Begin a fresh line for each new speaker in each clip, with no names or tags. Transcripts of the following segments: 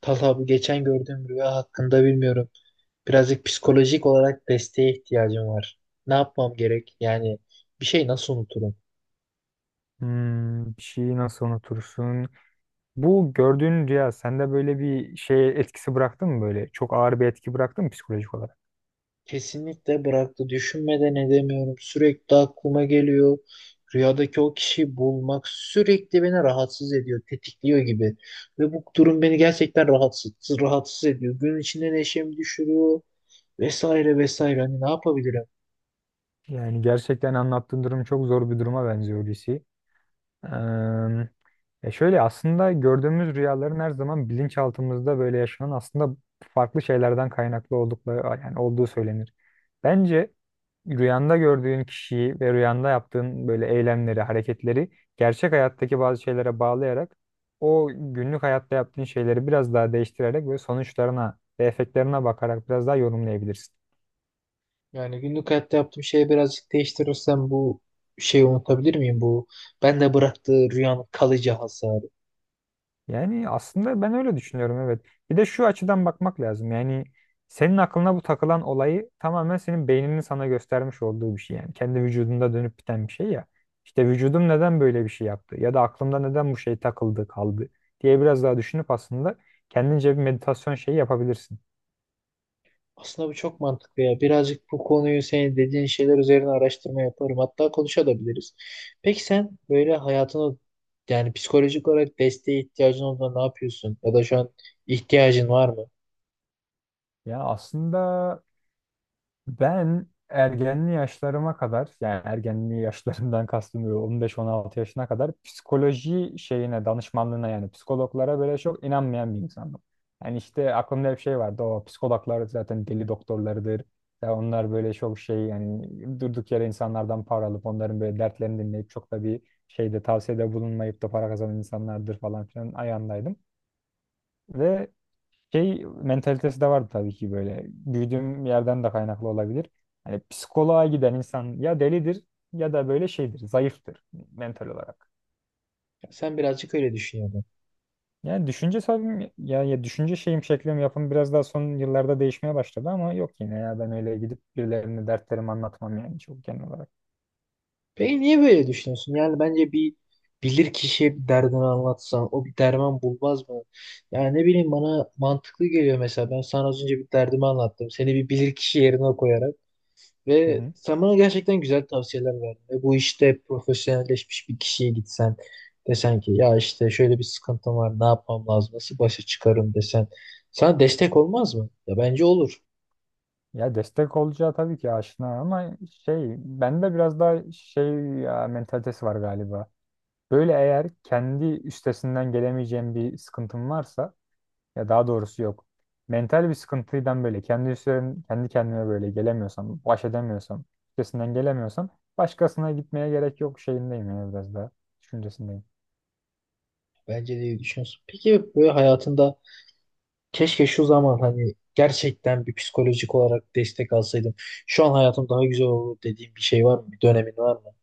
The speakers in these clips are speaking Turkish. Talha, bu geçen gördüğüm rüya hakkında bilmiyorum. Birazcık psikolojik olarak desteğe ihtiyacım var. Ne yapmam gerek? Yani bir şey nasıl unuturum?
Hmm, bir şeyi nasıl unutursun? Bu gördüğün rüya sende böyle bir şey etkisi bıraktı mı böyle? Çok ağır bir etki bıraktı mı psikolojik olarak?
Kesinlikle bıraktı. Düşünmeden edemiyorum. Sürekli aklıma geliyor. Rüyadaki o kişiyi bulmak sürekli beni rahatsız ediyor, tetikliyor gibi. Ve bu durum beni gerçekten rahatsız ediyor. Gün içinde neşemi düşürüyor vesaire vesaire. Hani ne yapabilirim?
Yani gerçekten anlattığın durum çok zor bir duruma benziyor Hulusi. Eee, Şöyle aslında gördüğümüz rüyaların her zaman bilinçaltımızda böyle yaşanan aslında farklı şeylerden kaynaklı oldukları yani olduğu söylenir. Bence rüyanda gördüğün kişiyi ve rüyanda yaptığın böyle eylemleri, hareketleri gerçek hayattaki bazı şeylere bağlayarak o günlük hayatta yaptığın şeyleri biraz daha değiştirerek ve sonuçlarına ve efektlerine bakarak biraz daha yorumlayabilirsin.
Yani günlük hayatta yaptığım şeyi birazcık değiştirirsem bu şeyi unutabilir miyim? Bu ben de bıraktığı rüyanın kalıcı hasarı.
Yani aslında ben öyle düşünüyorum, evet. Bir de şu açıdan bakmak lazım. Yani senin aklına bu takılan olayı tamamen senin beyninin sana göstermiş olduğu bir şey. Yani kendi vücudunda dönüp biten bir şey ya. İşte vücudum neden böyle bir şey yaptı ya da aklımda neden bu şey takıldı kaldı diye biraz daha düşünüp aslında kendince bir meditasyon şeyi yapabilirsin.
Aslında bu çok mantıklı ya. Birazcık bu konuyu senin dediğin şeyler üzerine araştırma yaparım. Hatta konuşabiliriz. Peki sen böyle hayatını, yani psikolojik olarak desteğe ihtiyacın olduğunda ne yapıyorsun? Ya da şu an ihtiyacın var mı?
Ya aslında ben ergenli yaşlarıma kadar, yani ergenli yaşlarımdan kastım 15-16 yaşına kadar, psikoloji şeyine, danışmanlığına, yani psikologlara böyle çok inanmayan bir insandım. Yani işte aklımda hep şey vardı, o psikologlar zaten deli doktorlarıdır. Ya onlar böyle çok şey, yani durduk yere insanlardan para alıp onların böyle dertlerini dinleyip çok da bir şeyde tavsiyede bulunmayıp da para kazanan insanlardır falan filan ayağındaydım. Ve şey mentalitesi de vardı tabii ki böyle. Büyüdüğüm yerden de kaynaklı olabilir. Hani psikoloğa giden insan ya delidir ya da böyle şeydir, zayıftır mental olarak.
Sen birazcık öyle düşün ya.
Yani düşünce tabii ya, ya düşünce şeyim, şeklim, yapım biraz daha son yıllarda değişmeye başladı ama yok, yine ya, ben öyle gidip birilerine dertlerimi anlatmam, yani çok genel olarak.
Peki niye böyle düşünüyorsun? Yani bence bir bilir kişiye bir derdini anlatsan o bir derman bulmaz mı? Yani ne bileyim, bana mantıklı geliyor mesela. Ben sana az önce bir derdimi anlattım. Seni bir bilir kişi yerine koyarak
Hı
ve
hı.
sen bana gerçekten güzel tavsiyeler verdin. Ve bu işte profesyonelleşmiş bir kişiye gitsen, desen ki ya işte şöyle bir sıkıntım var, ne yapmam lazım, nasıl başa çıkarım desen sana destek olmaz mı? Ya bence olur.
Ya destek olacağı tabii ki aşina ama şey, bende biraz daha şey ya, mentalitesi var galiba. Böyle eğer kendi üstesinden gelemeyeceğim bir sıkıntım varsa, ya daha doğrusu yok, mental bir sıkıntıdan böyle kendi üstlerim, kendi kendime böyle gelemiyorsam, baş edemiyorsam, üstesinden gelemiyorsam başkasına gitmeye gerek yok şeyindeyim, yani biraz daha düşüncesindeyim.
Bence de iyi düşünüyorsun. Peki böyle hayatında, keşke şu zaman hani gerçekten bir psikolojik olarak destek alsaydım, şu an hayatım daha güzel olur dediğim bir şey var mı? Bir dönemin var mı?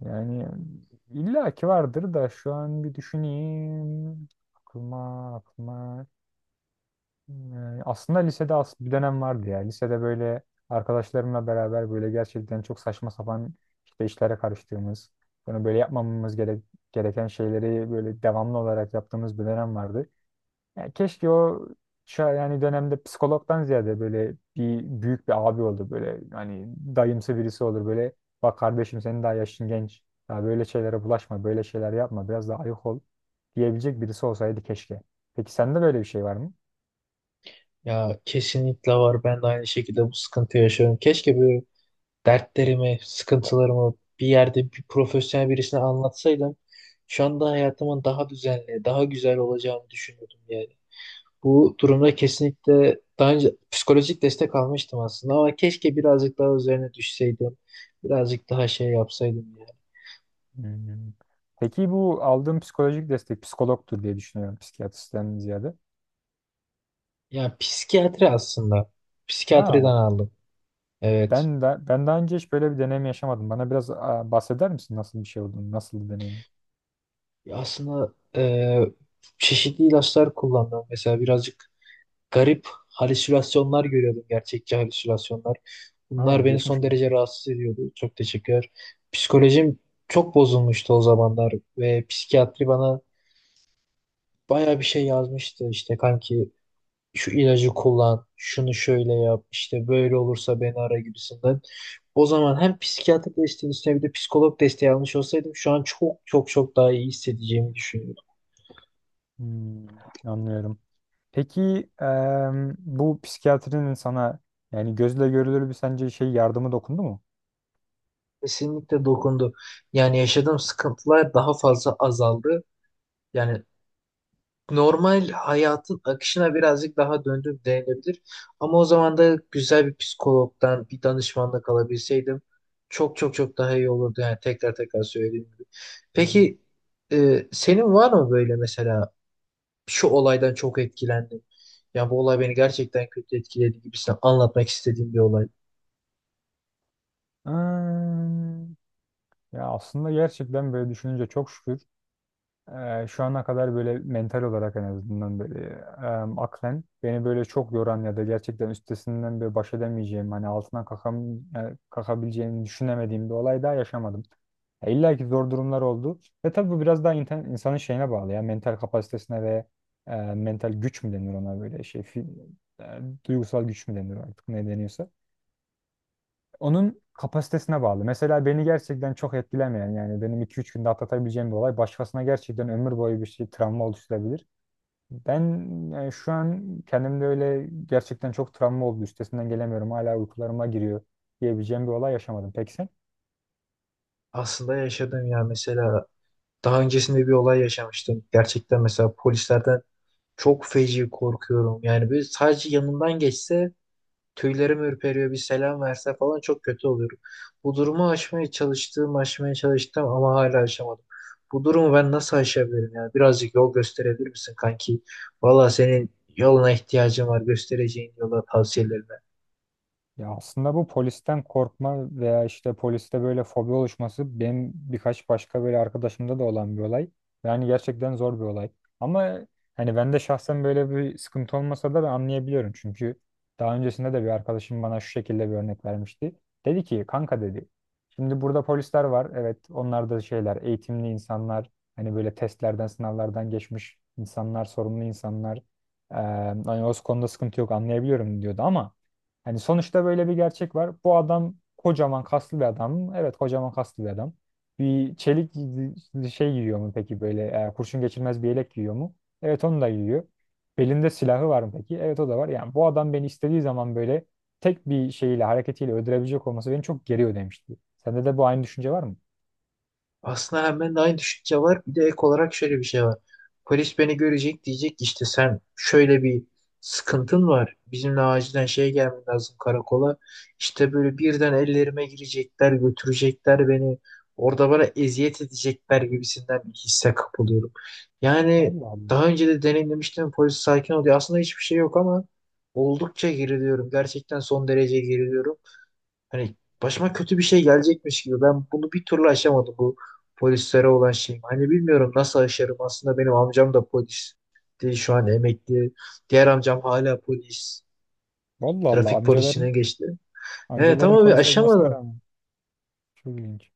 Yani illaki vardır da şu an bir düşüneyim. Aklıma Yani aslında lisede as bir dönem vardı ya. Lisede böyle arkadaşlarımla beraber böyle gerçekten çok saçma sapan işte işlere karıştığımız, bunu böyle yapmamamız gerek gereken şeyleri böyle devamlı olarak yaptığımız bir dönem vardı. Yani keşke o şu an yani dönemde psikologdan ziyade böyle bir büyük bir abi olur böyle, hani dayımsı birisi olur böyle, bak kardeşim senin daha yaşın genç. Daha böyle şeylere bulaşma, böyle şeyler yapma, biraz daha ayık ol diyebilecek birisi olsaydı keşke. Peki sende böyle bir şey var mı?
Ya kesinlikle var. Ben de aynı şekilde bu sıkıntı yaşıyorum. Keşke böyle dertlerimi, sıkıntılarımı bir yerde bir profesyonel birisine anlatsaydım. Şu anda hayatımın daha düzenli, daha güzel olacağını düşünüyordum yani. Bu durumda kesinlikle daha önce psikolojik destek almıştım aslında ama keşke birazcık daha üzerine düşseydim. Birazcık daha şey yapsaydım.
Hmm. Peki bu aldığım psikolojik destek psikologtur diye düşünüyorum, psikiyatristen ziyade.
Ya psikiyatri aslında. Psikiyatriden
Aa,
aldım. Evet.
ben daha önce hiç böyle bir deneyim yaşamadım. Bana biraz, aa, bahseder misin nasıl bir şey olduğunu, nasıl bir deneyim?
Ya aslında çeşitli ilaçlar kullandım. Mesela birazcık garip halüsinasyonlar görüyordum. Gerçekçi halüsinasyonlar.
Aa,
Bunlar beni
geçmiş
son
olsun.
derece rahatsız ediyordu. Çok teşekkürler. Psikolojim çok bozulmuştu o zamanlar ve psikiyatri bana baya bir şey yazmıştı. İşte kanki şu ilacı kullan, şunu şöyle yap, işte böyle olursa beni ara gibisinden. O zaman hem psikiyatrik desteğin üstüne bir de psikolog desteği almış olsaydım şu an çok çok çok daha iyi hissedeceğimi düşünüyorum.
Hmm, anlıyorum. Peki bu psikiyatrinin sana yani gözle görülür bir sence şey yardımı dokundu mu?
Kesinlikle dokundu. Yani yaşadığım sıkıntılar daha fazla azaldı. Yani normal hayatın akışına birazcık daha döndüm denilebilir. Ama o zaman da güzel bir psikologdan bir danışmanlık alabilseydim çok çok çok daha iyi olurdu. Yani tekrar tekrar söylediğim gibi.
Hı hı.
Peki senin var mı böyle mesela şu olaydan çok etkilendim, ya bu olay beni gerçekten kötü etkiledi gibisinden anlatmak istediğim bir olay?
Hmm, ya aslında gerçekten böyle düşününce çok şükür şu ana kadar böyle mental olarak en azından böyle, aklen beni böyle çok yoran ya da gerçekten üstesinden böyle baş edemeyeceğim, hani altından kalkam, kalkabileceğimi düşünemediğim bir olay daha yaşamadım. İlla ki zor durumlar oldu. Ve tabii bu biraz daha insanın şeyine bağlı ya, mental kapasitesine ve, mental güç mü denir ona, böyle şey e, duygusal güç mü denir artık, ne deniyorsa onun kapasitesine bağlı. Mesela beni gerçekten çok etkilemeyen, yani benim 2-3 günde atlatabileceğim bir olay başkasına gerçekten ömür boyu bir şey travma oluşturabilir. Ben yani şu an kendimde öyle gerçekten çok travma oldu, üstesinden gelemiyorum, hala uykularıma giriyor diyebileceğim bir olay yaşamadım. Peki sen?
Aslında yaşadım ya. Mesela daha öncesinde bir olay yaşamıştım. Gerçekten mesela polislerden çok feci korkuyorum. Yani böyle sadece yanından geçse, tüylerim ürperiyor, bir selam verse falan çok kötü oluyorum. Bu durumu aşmaya çalıştım, aşmaya çalıştım ama hala aşamadım. Bu durumu ben nasıl aşabilirim ya? Birazcık yol gösterebilir misin kanki? Valla senin yoluna ihtiyacım var. Göstereceğin yola, tavsiyelerine.
Ya aslında bu polisten korkma veya işte poliste böyle fobi oluşması benim birkaç başka böyle arkadaşımda da olan bir olay. Yani gerçekten zor bir olay. Ama hani ben de şahsen böyle bir sıkıntı olmasa da ben anlayabiliyorum. Çünkü daha öncesinde de bir arkadaşım bana şu şekilde bir örnek vermişti. Dedi ki kanka dedi. Şimdi burada polisler var. Evet onlar da şeyler, eğitimli insanlar. Hani böyle testlerden sınavlardan geçmiş insanlar, sorumlu insanlar. Ee, hani o konuda sıkıntı yok, anlayabiliyorum diyordu ama hani sonuçta böyle bir gerçek var. Bu adam kocaman kaslı bir adam mı? Evet, kocaman kaslı bir adam. Bir çelik şey giyiyor mu peki, böyle, kurşun geçirmez bir yelek giyiyor mu? Evet, onu da giyiyor. Belinde silahı var mı peki? Evet, o da var. Yani bu adam beni istediği zaman böyle tek bir şeyle, hareketiyle öldürebilecek olması beni çok geriyor demişti. Sende de bu aynı düşünce var mı?
Aslında hemen de aynı düşünce var. Bir de ek olarak şöyle bir şey var. Polis beni görecek, diyecek ki işte sen şöyle bir sıkıntın var, bizimle acilen şeye gelmen lazım karakola. İşte böyle birden ellerime girecekler, götürecekler beni. Orada bana eziyet edecekler gibisinden bir hisse kapılıyorum. Yani
Allah Allah.
daha önce de deneyimlemiştim, polis sakin oluyor. Aslında hiçbir şey yok ama oldukça geriliyorum. Gerçekten son derece geriliyorum. Hani başıma kötü bir şey gelecekmiş gibi. Ben bunu bir türlü aşamadım, bu polislere olan şeyim. Hani bilmiyorum nasıl aşarım. Aslında benim amcam da polis. Şu an emekli. Diğer amcam hala polis.
Vallahi Allah,
Trafik
amcaların,
polisine geçti. Evet
amcaların
ama bir
polis olmasına
aşamadım.
rağmen çok ilginç.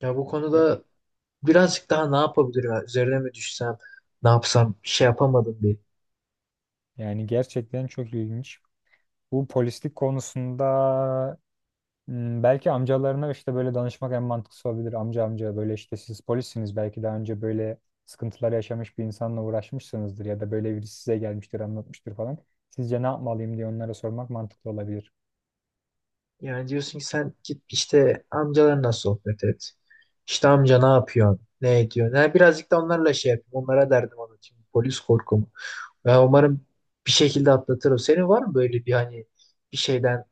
Ya bu
Ya-
konuda birazcık daha ne yapabilirim? Ya üzerine mi düşsem? Ne yapsam? Bir şey yapamadım bir.
Yani gerçekten çok ilginç. Bu polislik konusunda, hmm, belki amcalarına işte böyle danışmak en mantıklısı olabilir. Amca, böyle işte siz polissiniz, belki daha önce böyle sıkıntılar yaşamış bir insanla uğraşmışsınızdır ya da böyle biri size gelmiştir anlatmıştır falan. Sizce ne yapmalıyım diye onlara sormak mantıklı olabilir.
Yani diyorsun ki sen git işte amcalarla sohbet et. İşte amca ne yapıyor, ne ediyor? Yani birazcık da onlarla şey yapayım. Onlara derdim anlatayım. Polis korkumu. Ya umarım bir şekilde atlatırım. Senin var mı böyle bir, hani bir şeyden,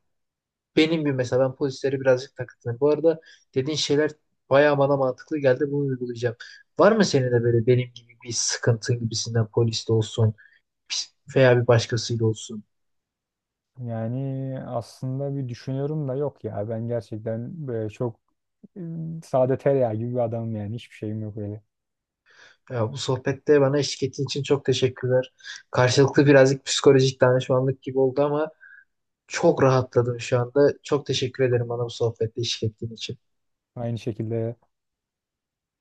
benim gibi mesela? Ben polislere birazcık takıntılıyım. Bu arada dediğin şeyler bayağı bana mantıklı geldi. Bunu uygulayacağım. Var mı senin de böyle benim gibi bir sıkıntın gibisinden, poliste olsun, veya bir başkasıyla olsun?
Yani aslında bir düşünüyorum da yok ya, ben gerçekten böyle çok, e, sade tereyağı gibi bir adamım, yani hiçbir şeyim yok öyle.
Ya bu sohbette bana eşlik ettiğin için çok teşekkürler. Karşılıklı birazcık psikolojik danışmanlık gibi oldu ama çok rahatladım şu anda. Çok teşekkür ederim bana bu sohbette eşlik ettiğin için.
Aynı şekilde.